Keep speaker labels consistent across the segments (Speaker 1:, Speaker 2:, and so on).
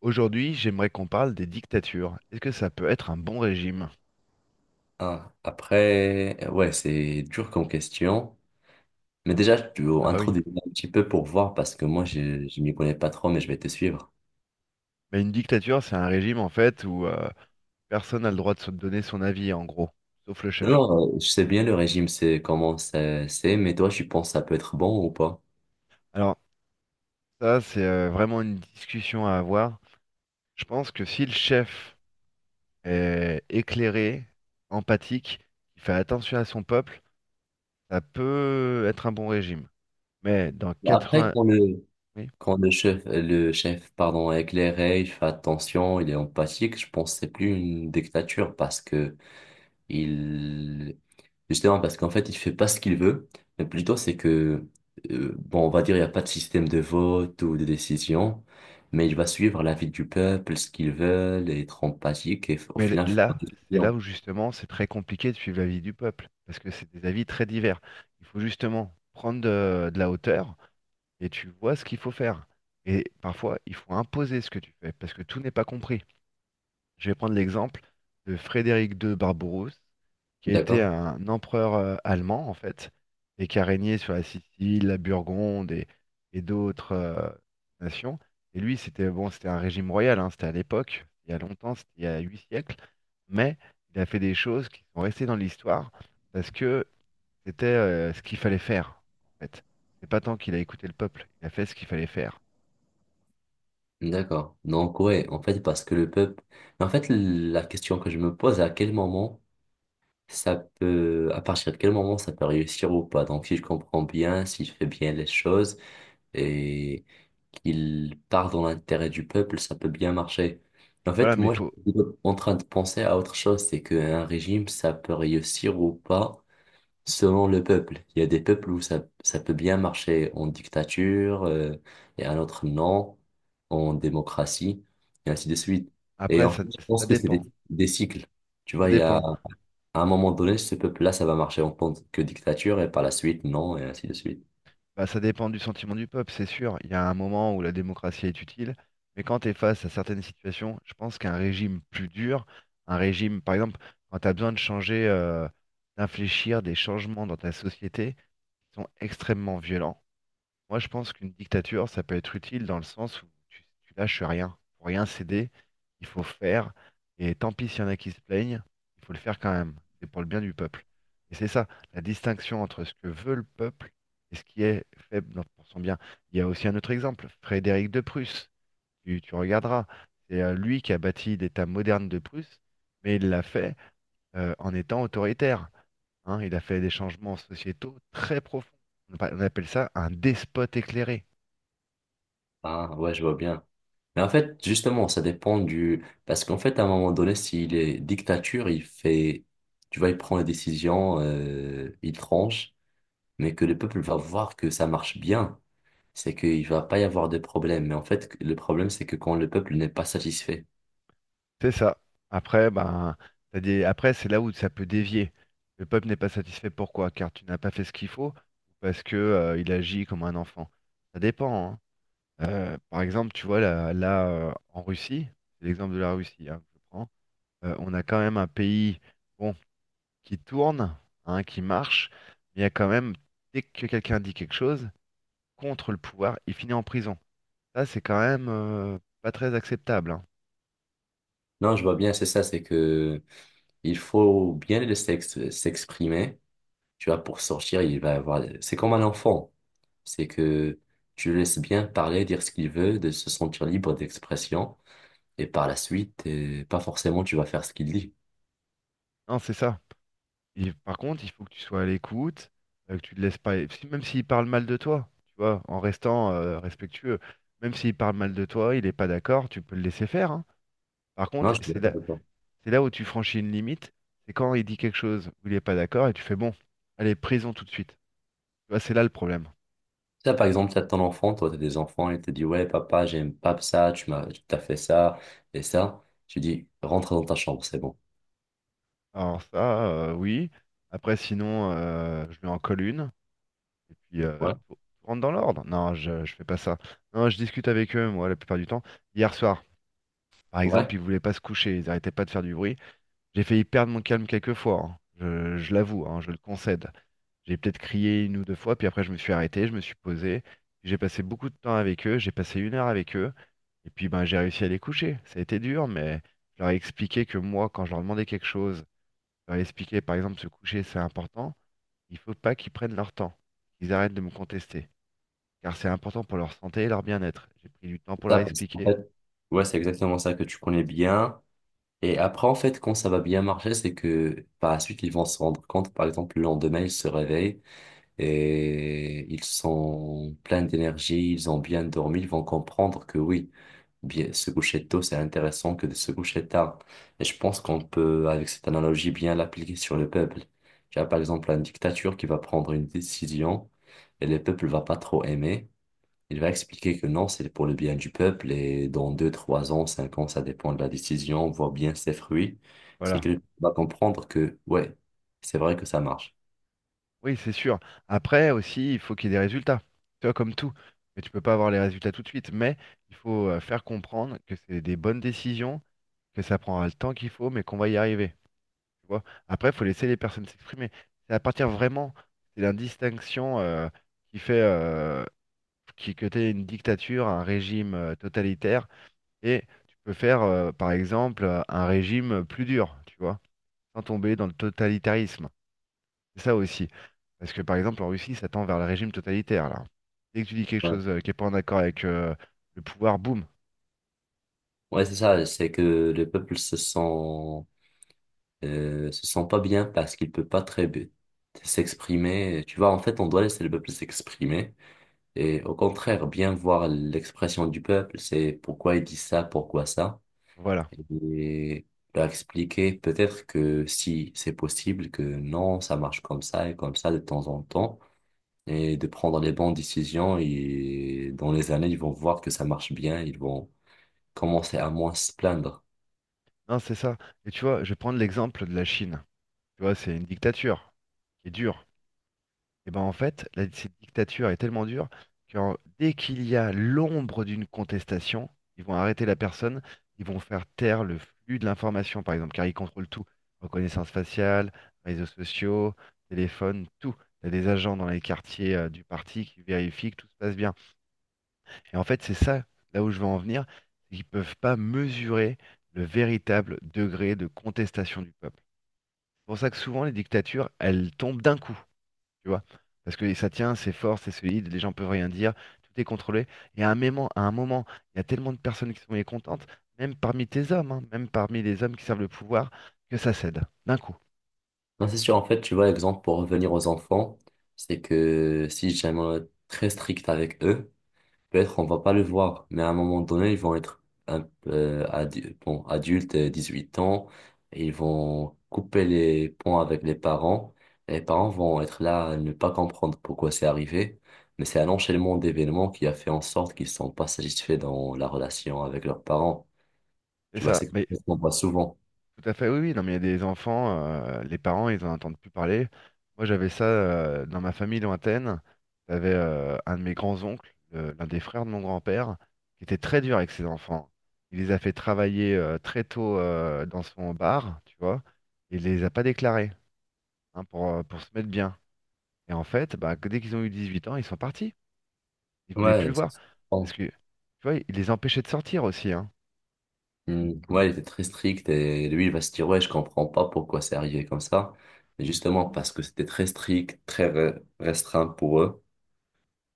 Speaker 1: Aujourd'hui, j'aimerais qu'on parle des dictatures. Est-ce que ça peut être un bon régime?
Speaker 2: Ah, après, ouais, c'est dur comme question. Mais déjà, tu veux
Speaker 1: Ah bah oui.
Speaker 2: introduire un petit peu pour voir parce que moi, je m'y connais pas trop, mais je vais te suivre.
Speaker 1: Mais une dictature, c'est un régime en fait où personne n'a le droit de se donner son avis, en gros, sauf le
Speaker 2: Non,
Speaker 1: chef.
Speaker 2: non, je sais bien le régime, c'est, mais toi, tu penses que ça peut être bon ou pas?
Speaker 1: Alors ça, c'est vraiment une discussion à avoir. Je pense que si le chef est éclairé, empathique, qui fait attention à son peuple, ça peut être un bon régime. Mais dans
Speaker 2: Après,
Speaker 1: 80...
Speaker 2: quand le,
Speaker 1: oui.
Speaker 2: quand le chef, pardon, est éclairé, il fait attention, il est empathique, je pense que c'est plus une dictature parce que Il, justement, parce qu'en fait, il fait pas ce qu'il veut, mais plutôt c'est que, bon, on va dire, il n'y a pas de système de vote ou de décision, mais il va suivre l'avis du peuple, ce qu'ils veulent, être empathique au
Speaker 1: Mais
Speaker 2: final faire
Speaker 1: là,
Speaker 2: des
Speaker 1: c'est là
Speaker 2: décisions.
Speaker 1: où justement c'est très compliqué de suivre l'avis du peuple, parce que c'est des avis très divers. Il faut justement prendre de la hauteur et tu vois ce qu'il faut faire. Et parfois, il faut imposer ce que tu fais, parce que tout n'est pas compris. Je vais prendre l'exemple de Frédéric II Barbarousse, qui était
Speaker 2: D'accord?
Speaker 1: un empereur allemand, en fait, et qui a régné sur la Sicile, la Burgonde et d'autres nations. Et lui, c'était bon, c'était un régime royal, hein, c'était à l'époque, il y a longtemps, c'était il y a 8 siècles, mais il a fait des choses qui sont restées dans l'histoire parce que c'était ce qu'il fallait faire, en fait. C'est pas tant qu'il a écouté le peuple, il a fait ce qu'il fallait faire.
Speaker 2: D'accord. Donc, ouais, en fait, parce que le peuple. Mais en fait, la question que je me pose, à quel moment ça peut. À partir de quel moment ça peut réussir ou pas? Donc, si je comprends bien, si je fais bien les choses, et qu'il part dans l'intérêt du peuple, ça peut bien marcher. En
Speaker 1: Voilà,
Speaker 2: fait,
Speaker 1: mais
Speaker 2: moi,
Speaker 1: faut.
Speaker 2: j'étais en train de penser à autre chose, c'est qu'un régime, ça peut réussir ou pas selon le peuple. Il y a des peuples où ça peut bien marcher en dictature, et un autre non, en démocratie, et ainsi de suite. Et
Speaker 1: Après,
Speaker 2: en fait,
Speaker 1: ça,
Speaker 2: je
Speaker 1: ça
Speaker 2: pense que
Speaker 1: dépend.
Speaker 2: des cycles. Tu
Speaker 1: Ça
Speaker 2: vois, il y a
Speaker 1: dépend.
Speaker 2: à un moment donné, ce peuple-là, ça va marcher en tant que dictature, et par la suite, non, et ainsi de suite.
Speaker 1: Bah, ça dépend du sentiment du peuple, c'est sûr. Il y a un moment où la démocratie est utile, mais quand tu es face à certaines situations, je pense qu'un régime plus dur, un régime, par exemple, quand tu as besoin de changer, d'infléchir des changements dans ta société qui sont extrêmement violents, moi, je pense qu'une dictature, ça peut être utile dans le sens où tu lâches rien. Pour rien céder, il faut faire. Et tant pis s'il y en a qui se plaignent, il faut le faire quand même. C'est pour le bien du peuple. Et c'est ça, la distinction entre ce que veut le peuple et ce qui est fait dans- pour son bien. Il y a aussi un autre exemple, Frédéric de Prusse. Tu regarderas. C'est lui qui a bâti l'État moderne de Prusse, mais il l'a fait en étant autoritaire, hein. Il a fait des changements sociétaux très profonds. On appelle ça un despote éclairé.
Speaker 2: Ah, ouais, je vois bien. Mais en fait, justement, ça dépend du... Parce qu'en fait, à un moment donné, s'il est dictature, il fait... Tu vois, il prend les décisions, il tranche, mais que le peuple va voir que ça marche bien. C'est qu'il va pas y avoir de problème. Mais en fait, le problème, c'est que quand le peuple n'est pas satisfait.
Speaker 1: C'est ça. Après, ben, t'as des... Après, c'est là où ça peut dévier. Le peuple n'est pas satisfait. Pourquoi? Car tu n'as pas fait ce qu'il faut ou parce que, il agit comme un enfant. Ça dépend, hein. Par exemple, tu vois, là, en Russie, c'est l'exemple de la Russie, hein, que je prends, on a quand même un pays, bon, qui tourne, hein, qui marche, mais il y a quand même, dès que quelqu'un dit quelque chose contre le pouvoir, il finit en prison. Ça, c'est quand même, pas très acceptable, hein.
Speaker 2: Non, je vois bien, c'est ça, c'est que il faut bien le s'exprimer. Tu vois, pour sortir, il va avoir... C'est comme un enfant. C'est que tu le laisses bien parler, dire ce qu'il veut, de se sentir libre d'expression. Et par la suite, pas forcément tu vas faire ce qu'il dit.
Speaker 1: Non, c'est ça. Et par contre, il faut que tu sois à l'écoute, que tu te laisses pas. Même s'il parle mal de toi, tu vois, en restant respectueux, même s'il parle mal de toi, il n'est pas d'accord, tu peux le laisser faire, hein. Par
Speaker 2: Non,
Speaker 1: contre,
Speaker 2: je suis d'accord avec toi.
Speaker 1: c'est là où tu franchis une limite, c'est quand il dit quelque chose où il n'est pas d'accord et tu fais bon, allez, prison tout de suite. Tu vois, c'est là le problème.
Speaker 2: Ça, par exemple, t'as ton enfant, toi, t'as des enfants, il te dit, ouais, papa, j'aime pas ça, tu t'as fait ça et ça. Tu dis, rentre dans ta chambre, c'est bon.
Speaker 1: Alors ça, oui. Après, sinon, je lui en colle une et puis
Speaker 2: Ouais.
Speaker 1: tout rentre dans l'ordre. Non, je fais pas ça. Non, je discute avec eux, moi, la plupart du temps. Hier soir. Par exemple,
Speaker 2: Ouais.
Speaker 1: ils voulaient pas se coucher, ils arrêtaient pas de faire du bruit. J'ai failli perdre mon calme quelques fois, hein. Je l'avoue, hein, je le concède. J'ai peut-être crié une ou deux fois, puis après je me suis arrêté, je me suis posé. J'ai passé beaucoup de temps avec eux, j'ai passé 1 heure avec eux, et puis ben j'ai réussi à les coucher. Ça a été dur, mais je leur ai expliqué que moi, quand je leur demandais quelque chose, je leur ai expliqué, par exemple, se coucher, c'est important. Il faut pas qu'ils prennent leur temps, qu'ils arrêtent de me contester, car c'est important pour leur santé et leur bien-être. J'ai pris du temps pour leur
Speaker 2: Ça, parce qu'en
Speaker 1: expliquer.
Speaker 2: fait, ouais, c'est exactement ça que tu connais bien. Et après, en fait, quand ça va bien marcher, c'est que par la suite, ils vont se rendre compte, par exemple, le lendemain, ils se réveillent. Et ils sont pleins d'énergie, ils ont bien dormi, ils vont comprendre que oui, bien, se coucher tôt, c'est intéressant que de se coucher tard. Et je pense qu'on peut, avec cette analogie, bien l'appliquer sur le peuple. Tu as par exemple une dictature qui va prendre une décision et le peuple va pas trop aimer. Il va expliquer que non, c'est pour le bien du peuple et dans deux, trois ans, cinq ans, ça dépend de la décision, on voit bien ses fruits. C'est
Speaker 1: Voilà.
Speaker 2: que va comprendre que ouais, c'est vrai que ça marche.
Speaker 1: Oui, c'est sûr. Après aussi, il faut qu'il y ait des résultats. Tu vois, comme tout. Mais tu peux pas avoir les résultats tout de suite. Mais il faut faire comprendre que c'est des bonnes décisions, que ça prendra le temps qu'il faut, mais qu'on va y arriver. Tu vois. Après, il faut laisser les personnes s'exprimer. C'est à partir vraiment, c'est la distinction qui fait que tu une dictature, un régime totalitaire. Et tu peux faire, par exemple, un régime plus dur, tu vois, sans tomber dans le totalitarisme. C'est ça aussi. Parce que par exemple, en Russie, ça tend vers le régime totalitaire, là. Dès que tu dis quelque chose qui n'est pas en accord avec le pouvoir, boum,
Speaker 2: Ouais, c'est ça, c'est que le peuple se sent pas bien parce qu'il peut pas très bien s'exprimer. Tu vois, en fait, on doit laisser le peuple s'exprimer et au contraire, bien voir l'expression du peuple, c'est pourquoi il dit ça, pourquoi ça,
Speaker 1: voilà.
Speaker 2: et leur expliquer peut-être que si c'est possible, que non, ça marche comme ça et comme ça de temps en temps, et de prendre les bonnes décisions et dans les années, ils vont voir que ça marche bien, ils vont commencer à moins se plaindre.
Speaker 1: Non, c'est ça. Et tu vois, je vais prendre l'exemple de la Chine. Tu vois, c'est une dictature qui est dure. Et ben en fait, cette dictature est tellement dure que dès qu'il y a l'ombre d'une contestation, ils vont arrêter la personne, ils vont faire taire le flux de l'information, par exemple, car ils contrôlent tout. Reconnaissance faciale, réseaux sociaux, téléphone, tout. Il y a des agents dans les quartiers du parti qui vérifient que tout se passe bien. Et en fait, c'est ça, là où je veux en venir, c'est qu'ils peuvent pas mesurer le véritable degré de contestation du peuple. C'est pour ça que souvent, les dictatures, elles tombent d'un coup, tu vois. Parce que ça tient, c'est fort, c'est solide, les gens peuvent rien dire, tout est contrôlé. Et à un moment, il y a tellement de personnes qui sont mécontentes, même parmi tes hommes, hein, même parmi les hommes qui servent le pouvoir, que ça cède, d'un coup.
Speaker 2: Non, c'est sûr. En fait, tu vois, exemple, pour revenir aux enfants, c'est que si jamais on est très strict avec eux, peut-être on va pas le voir. Mais à un moment donné, ils vont être un peu, bon, adultes, 18 ans. Et ils vont couper les ponts avec les parents. Et les parents vont être là à ne pas comprendre pourquoi c'est arrivé. Mais c'est un enchaînement d'événements qui a fait en sorte qu'ils sont pas satisfaits dans la relation avec leurs parents.
Speaker 1: C'est
Speaker 2: Tu vois,
Speaker 1: ça.
Speaker 2: c'est quelque
Speaker 1: Mais
Speaker 2: chose qu'on voit souvent.
Speaker 1: tout à fait, oui, oui. Non, mais il y a des enfants, les parents, ils en entendent plus parler. Moi, j'avais ça dans ma famille lointaine. J'avais un de mes grands-oncles, l'un des frères de mon grand-père, qui était très dur avec ses enfants. Il les a fait travailler très tôt dans son bar, tu vois, et il les a pas déclarés, hein, pour se mettre bien. Et en fait, bah, que dès qu'ils ont eu 18 ans, ils sont partis. Ils voulaient plus
Speaker 2: Ouais,
Speaker 1: le voir.
Speaker 2: c'est-
Speaker 1: Parce que, tu vois, il les empêchait de sortir aussi, hein.
Speaker 2: Hmm, ouais, il était très strict et lui, il va se dire, ouais, je comprends pas pourquoi c'est arrivé comme ça. Mais justement, parce que c'était très strict, restreint pour eux.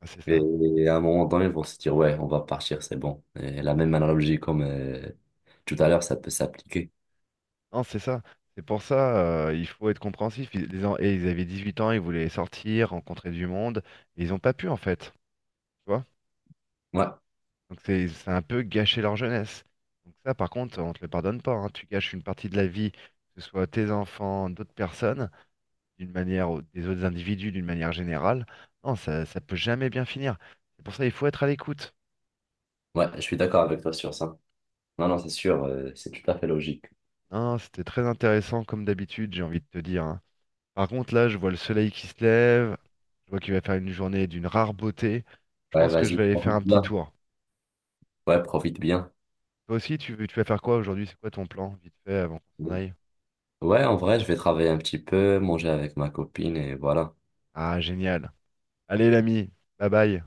Speaker 1: Ah, c'est ça.
Speaker 2: Et, à un moment donné, ils vont se dire, ouais, on va partir, c'est bon. Et la même analogie comme tout à l'heure, ça peut s'appliquer.
Speaker 1: Non, c'est ça. C'est pour ça, il faut être compréhensif. Et ils avaient 18 ans, ils voulaient sortir, rencontrer du monde, et ils n'ont pas pu en fait. Tu vois?
Speaker 2: Ouais,
Speaker 1: Donc c'est un peu gâcher leur jeunesse. Donc ça, par contre, on te le pardonne pas, hein. Tu gâches une partie de la vie, que ce soit tes enfants, d'autres personnes, d'une manière, ou des autres individus, d'une manière générale. Non, ça peut jamais bien finir. C'est pour ça, il faut être à l'écoute.
Speaker 2: ouais, je suis d'accord avec toi sur ça. Non, non, c'est sûr, c'est tout à fait logique.
Speaker 1: Non, c'était très intéressant comme d'habitude, j'ai envie de te dire, hein. Par contre, là, je vois le soleil qui se lève, je vois qu'il va faire une journée d'une rare beauté. Je
Speaker 2: Ouais,
Speaker 1: pense que je
Speaker 2: vas-y,
Speaker 1: vais aller faire
Speaker 2: profite
Speaker 1: un petit
Speaker 2: bien.
Speaker 1: tour.
Speaker 2: Ouais, profite bien.
Speaker 1: Toi aussi, tu vas faire quoi aujourd'hui? C'est quoi ton plan, vite fait, avant qu'on s'en aille?
Speaker 2: Ouais, en vrai, je vais travailler un petit peu, manger avec ma copine et voilà.
Speaker 1: Ah, génial. Allez, l'ami, bye bye.